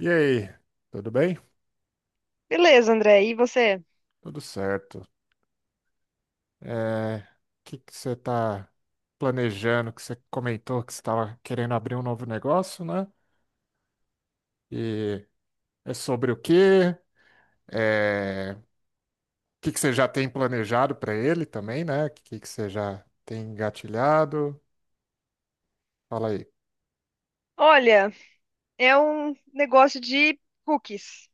E aí, tudo bem? Beleza, André. E você? Tudo certo. O que que você está planejando? Que você comentou que você estava querendo abrir um novo negócio, né? E é sobre o quê? O que que você já tem planejado para ele também, né? O que que você já tem engatilhado? Fala aí. Olha, é um negócio de cookies.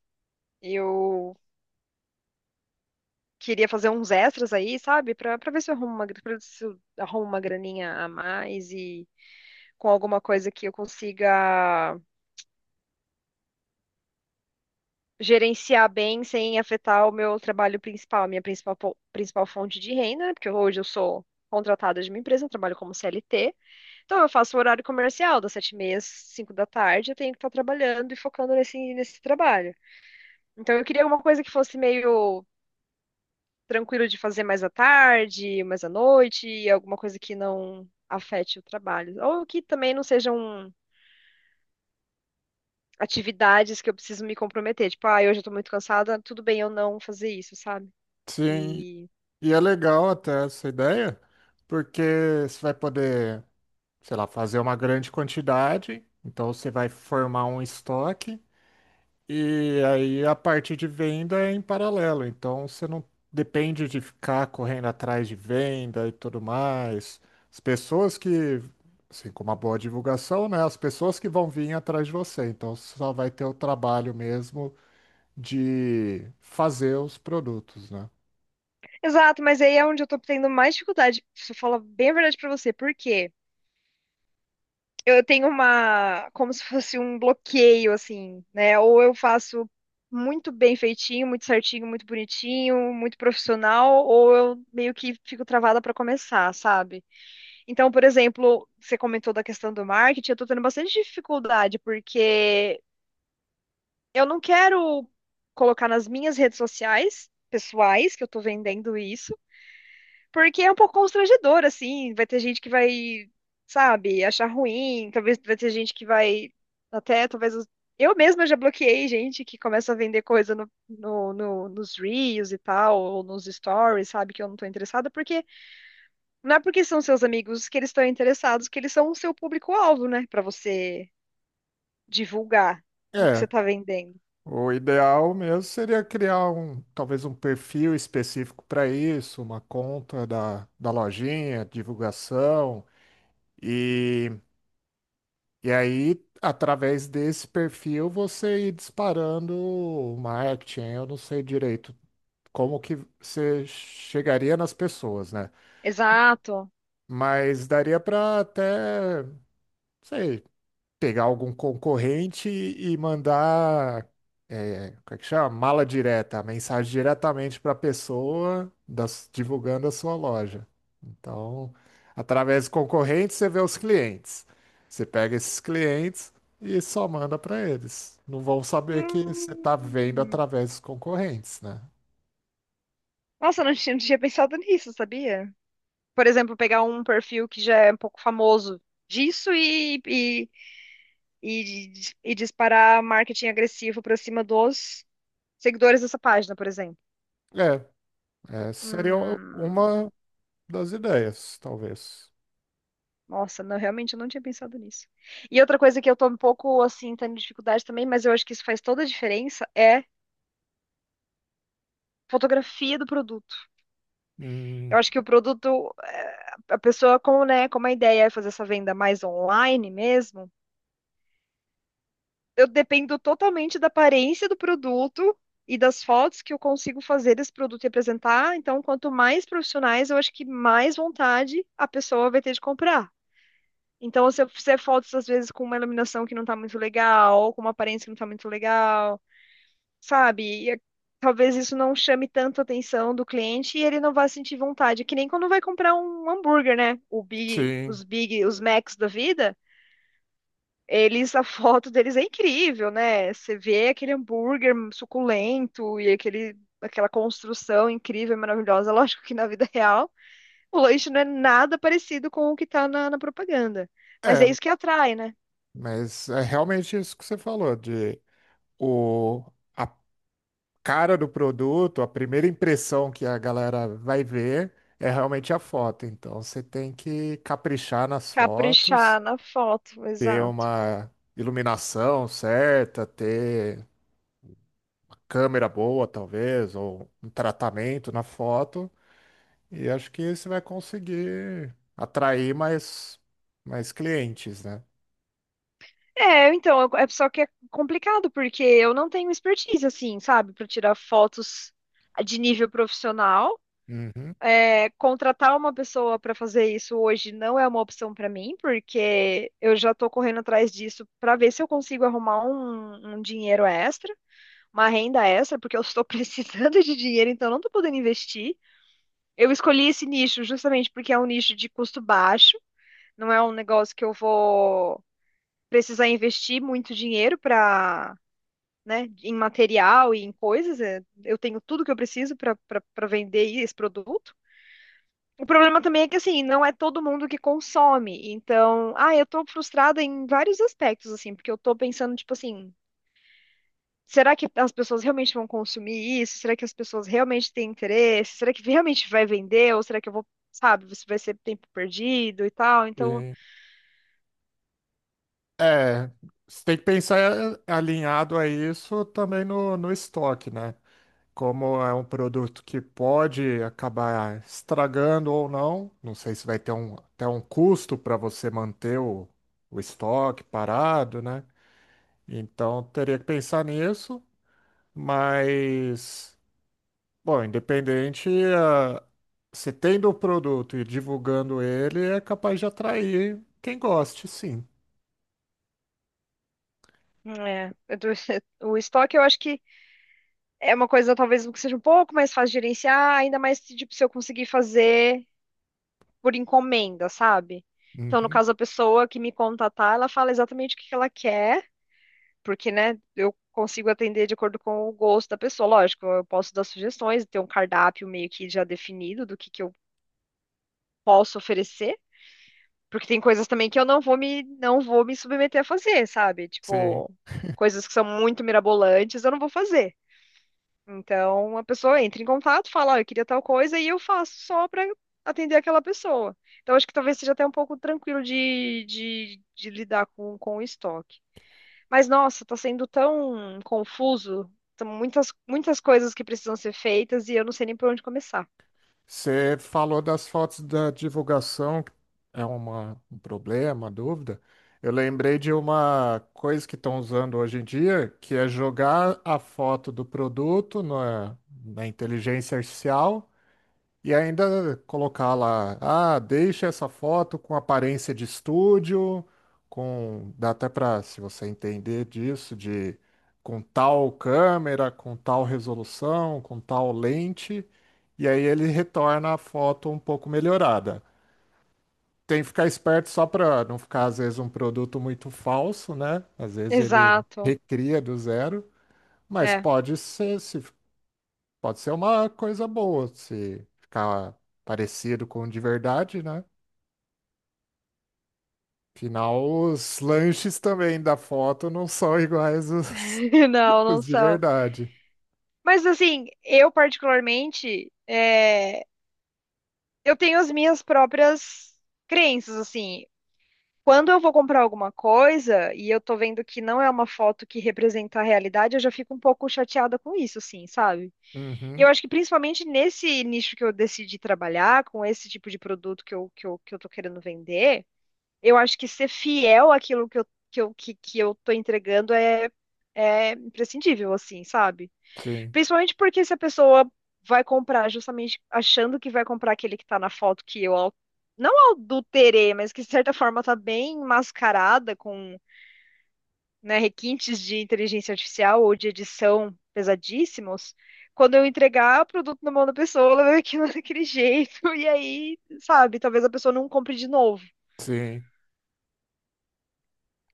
Eu queria fazer uns extras aí, sabe? Pra ver se eu arrumo uma, pra ver se eu arrumo uma graninha a mais e com alguma coisa que eu consiga gerenciar bem sem afetar o meu trabalho principal, a minha principal, principal fonte de renda, né? Porque hoje eu sou contratada de uma empresa, eu trabalho como CLT. Então eu faço o horário comercial das 7:30 às 5 da tarde, eu tenho que estar trabalhando e focando nesse trabalho. Então eu queria alguma coisa que fosse meio tranquilo de fazer mais à tarde, mais à noite, alguma coisa que não afete o trabalho. Ou que também não sejam atividades que eu preciso me comprometer. Tipo, ah, hoje eu tô muito cansada, tudo bem eu não fazer isso, sabe? Sim, E... e é legal até essa ideia, porque você vai poder, sei lá, fazer uma grande quantidade, então você vai formar um estoque. E aí a parte de venda é em paralelo, então você não depende de ficar correndo atrás de venda e tudo mais. As pessoas que, assim, com uma boa divulgação, né? As pessoas que vão vir atrás de você, então você só vai ter o trabalho mesmo de fazer os produtos, né? Exato, mas aí é onde eu tô tendo mais dificuldade. Se eu falar bem a verdade pra você, por quê? Eu tenho uma, como se fosse um bloqueio, assim, né? Ou eu faço muito bem feitinho, muito certinho, muito bonitinho, muito profissional, ou eu meio que fico travada para começar, sabe? Então, por exemplo, você comentou da questão do marketing, eu tô tendo bastante dificuldade, porque eu não quero colocar nas minhas redes sociais pessoais que eu tô vendendo isso porque é um pouco constrangedor, assim. Vai ter gente que vai, sabe, achar ruim. Talvez vai ter gente que vai. Até, talvez. Eu mesma já bloqueei gente que começa a vender coisa nos Reels e tal, ou nos stories, sabe, que eu não tô interessada, porque não é porque são seus amigos que eles estão interessados, que eles são o seu público-alvo, né? Pra você divulgar o que É, você tá vendendo. o ideal mesmo seria criar um, talvez um perfil específico para isso, uma conta da, da lojinha, divulgação. E E aí, através desse perfil, você ir disparando o marketing. Eu não sei direito como que você chegaria nas pessoas, né? Exato. Mas daria para até, não sei, pegar algum concorrente e mandar, como é que chama? Mala direta, a mensagem diretamente para a pessoa divulgando a sua loja. Então, através do concorrente, você vê os clientes. Você pega esses clientes e só manda para eles. Não vão saber que você está vendo Hum. através dos concorrentes, né? Nossa, eu não tinha, não tinha pensado nisso, sabia? Por exemplo, pegar um perfil que já é um pouco famoso disso e, e disparar marketing agressivo para cima dos seguidores dessa página, por exemplo. É, é, seria Hum, uma das ideias, talvez. nossa, não, realmente eu não tinha pensado nisso. E outra coisa que eu tô um pouco assim, tendo dificuldade também, mas eu acho que isso faz toda a diferença, é fotografia do produto. Eu Hum, acho que o produto, a pessoa com, né, com uma ideia é fazer essa venda mais online mesmo, eu dependo totalmente da aparência do produto e das fotos que eu consigo fazer desse produto e apresentar. Então, quanto mais profissionais, eu acho que mais vontade a pessoa vai ter de comprar. Então, se eu fizer fotos, às vezes, com uma iluminação que não tá muito legal, ou com uma aparência que não tá muito legal, sabe? E talvez isso não chame tanto a atenção do cliente e ele não vai sentir vontade. Que nem quando vai comprar um hambúrguer, né? O sim. Big, os Macs da vida. Eles, a foto deles é incrível, né? Você vê aquele hambúrguer suculento e aquela construção incrível e maravilhosa. Lógico que na vida real o lanche não é nada parecido com o que tá na propaganda. Mas é É, isso que atrai, né? Mas é realmente isso que você falou, de o, a cara do produto, a primeira impressão que a galera vai ver é realmente a foto. Então você tem que caprichar nas Caprichar fotos, na foto, ter exato. uma iluminação certa, ter câmera boa, talvez, ou um tratamento na foto. E acho que você vai conseguir atrair mais, mais clientes, né? É, então, é só que é complicado, porque eu não tenho expertise, assim, sabe, para tirar fotos de nível profissional. Uhum. Contratar uma pessoa para fazer isso hoje não é uma opção para mim, porque eu já estou correndo atrás disso para ver se eu consigo arrumar um dinheiro extra, uma renda extra, porque eu estou precisando de dinheiro, então eu não estou podendo investir. Eu escolhi esse nicho justamente porque é um nicho de custo baixo, não é um negócio que eu vou precisar investir muito dinheiro para, né, em material e em coisas. Eu tenho tudo que eu preciso para para vender esse produto. O problema também é que, assim, não é todo mundo que consome. Então, ah, eu tô frustrada em vários aspectos, assim, porque eu tô pensando, tipo assim, será que as pessoas realmente vão consumir isso? Será que as pessoas realmente têm interesse? Será que realmente vai vender? Ou será que eu vou, sabe, isso vai ser tempo perdido e tal? Então, Sim. É, Você tem que pensar alinhado a isso também no estoque, né? Como é um produto que pode acabar estragando ou não, não sei se vai ter até um custo para você manter o estoque parado, né? Então teria que pensar nisso, mas, bom, independente, ah, se tendo o produto e divulgando ele, é capaz de atrair quem goste, sim. É, o estoque eu acho que é uma coisa talvez que seja um pouco mais fácil de gerenciar, ainda mais se, tipo, se eu conseguir fazer por encomenda, sabe? Então, no Uhum. caso, a pessoa que me contatar, ela fala exatamente o que que ela quer. Porque, né, eu consigo atender de acordo com o gosto da pessoa. Lógico, eu posso dar sugestões, ter um cardápio meio que já definido do que eu posso oferecer, porque tem coisas também que eu não vou me não vou me submeter a fazer, sabe? Sim. Tipo, coisas que são muito mirabolantes, eu não vou fazer. Então, a pessoa entra em contato, fala, "Ó, eu queria tal coisa e eu faço só para atender aquela pessoa. Então, acho que talvez seja até um pouco tranquilo de lidar com o estoque. Mas nossa, tá sendo tão confuso. São muitas, muitas coisas que precisam ser feitas e eu não sei nem por onde começar. Você falou das fotos da divulgação, que é um problema, dúvida. Eu lembrei de uma coisa que estão usando hoje em dia, que é jogar a foto do produto na inteligência artificial. E ainda colocar lá, ah, deixa essa foto com aparência de estúdio, com, dá até para, se você entender disso, de com tal câmera, com tal resolução, com tal lente, e aí ele retorna a foto um pouco melhorada. Tem que ficar esperto só para não ficar, às vezes, um produto muito falso, né? Às vezes ele Exato. recria do zero, mas É. pode ser, se Pode ser uma coisa boa se ficar parecido com o de verdade, né? Afinal, os lanches também da foto não são iguais os, Não, não os de são. verdade. Mas assim, eu particularmente, é, eu tenho as minhas próprias crenças, assim. Quando eu vou comprar alguma coisa e eu tô vendo que não é uma foto que representa a realidade, eu já fico um pouco chateada com isso, assim, sabe? E eu Uhum, acho que principalmente nesse nicho que eu decidi trabalhar, com esse tipo de produto que eu tô querendo vender, eu acho que ser fiel àquilo que eu tô entregando é, é imprescindível, assim, sabe? sim, Principalmente porque se a pessoa vai comprar justamente achando que vai comprar aquele que tá na foto que eu não adulterei, mas que de certa forma tá bem mascarada com, né, requintes de inteligência artificial ou de edição pesadíssimos, quando eu entregar o produto na mão da pessoa, ela vai ver aquilo daquele jeito, e aí, sabe, talvez a pessoa não compre de novo. sim.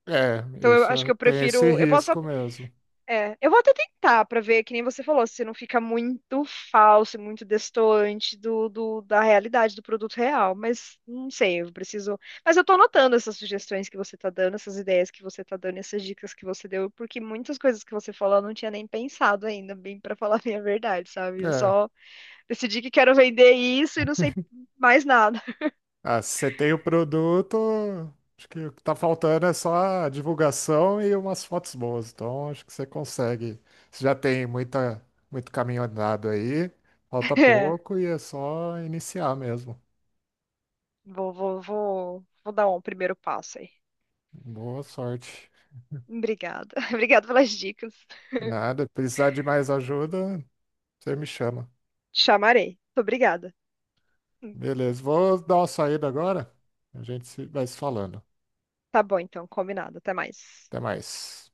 É, Então eu isso acho é, que eu tem esse prefiro. Eu posso risco mesmo. É, eu vou até tentar pra ver, que nem você falou, se não fica muito falso, muito destoante do, da realidade, do produto real, mas não sei, eu preciso. Mas eu tô anotando essas sugestões que você tá dando, essas ideias que você tá dando, essas dicas que você deu, porque muitas coisas que você falou eu não tinha nem pensado ainda, bem pra falar a minha verdade, sabe? Eu É. só decidi que quero vender isso e não sei mais nada. Ah, se você tem o produto, acho que o que tá faltando é só a divulgação e umas fotos boas. Então, acho que você consegue. Você já tem muita, muito caminho andado aí, falta É, pouco e é só iniciar mesmo. vou dar um primeiro passo aí. Boa sorte. Obrigada. Obrigada pelas dicas. Nada, precisar de mais ajuda, você me chama. Te chamarei. Muito obrigada. Beleza, vou dar uma saída agora. A gente se- vai se falando. Tá bom, então, combinado. Até mais. Até mais.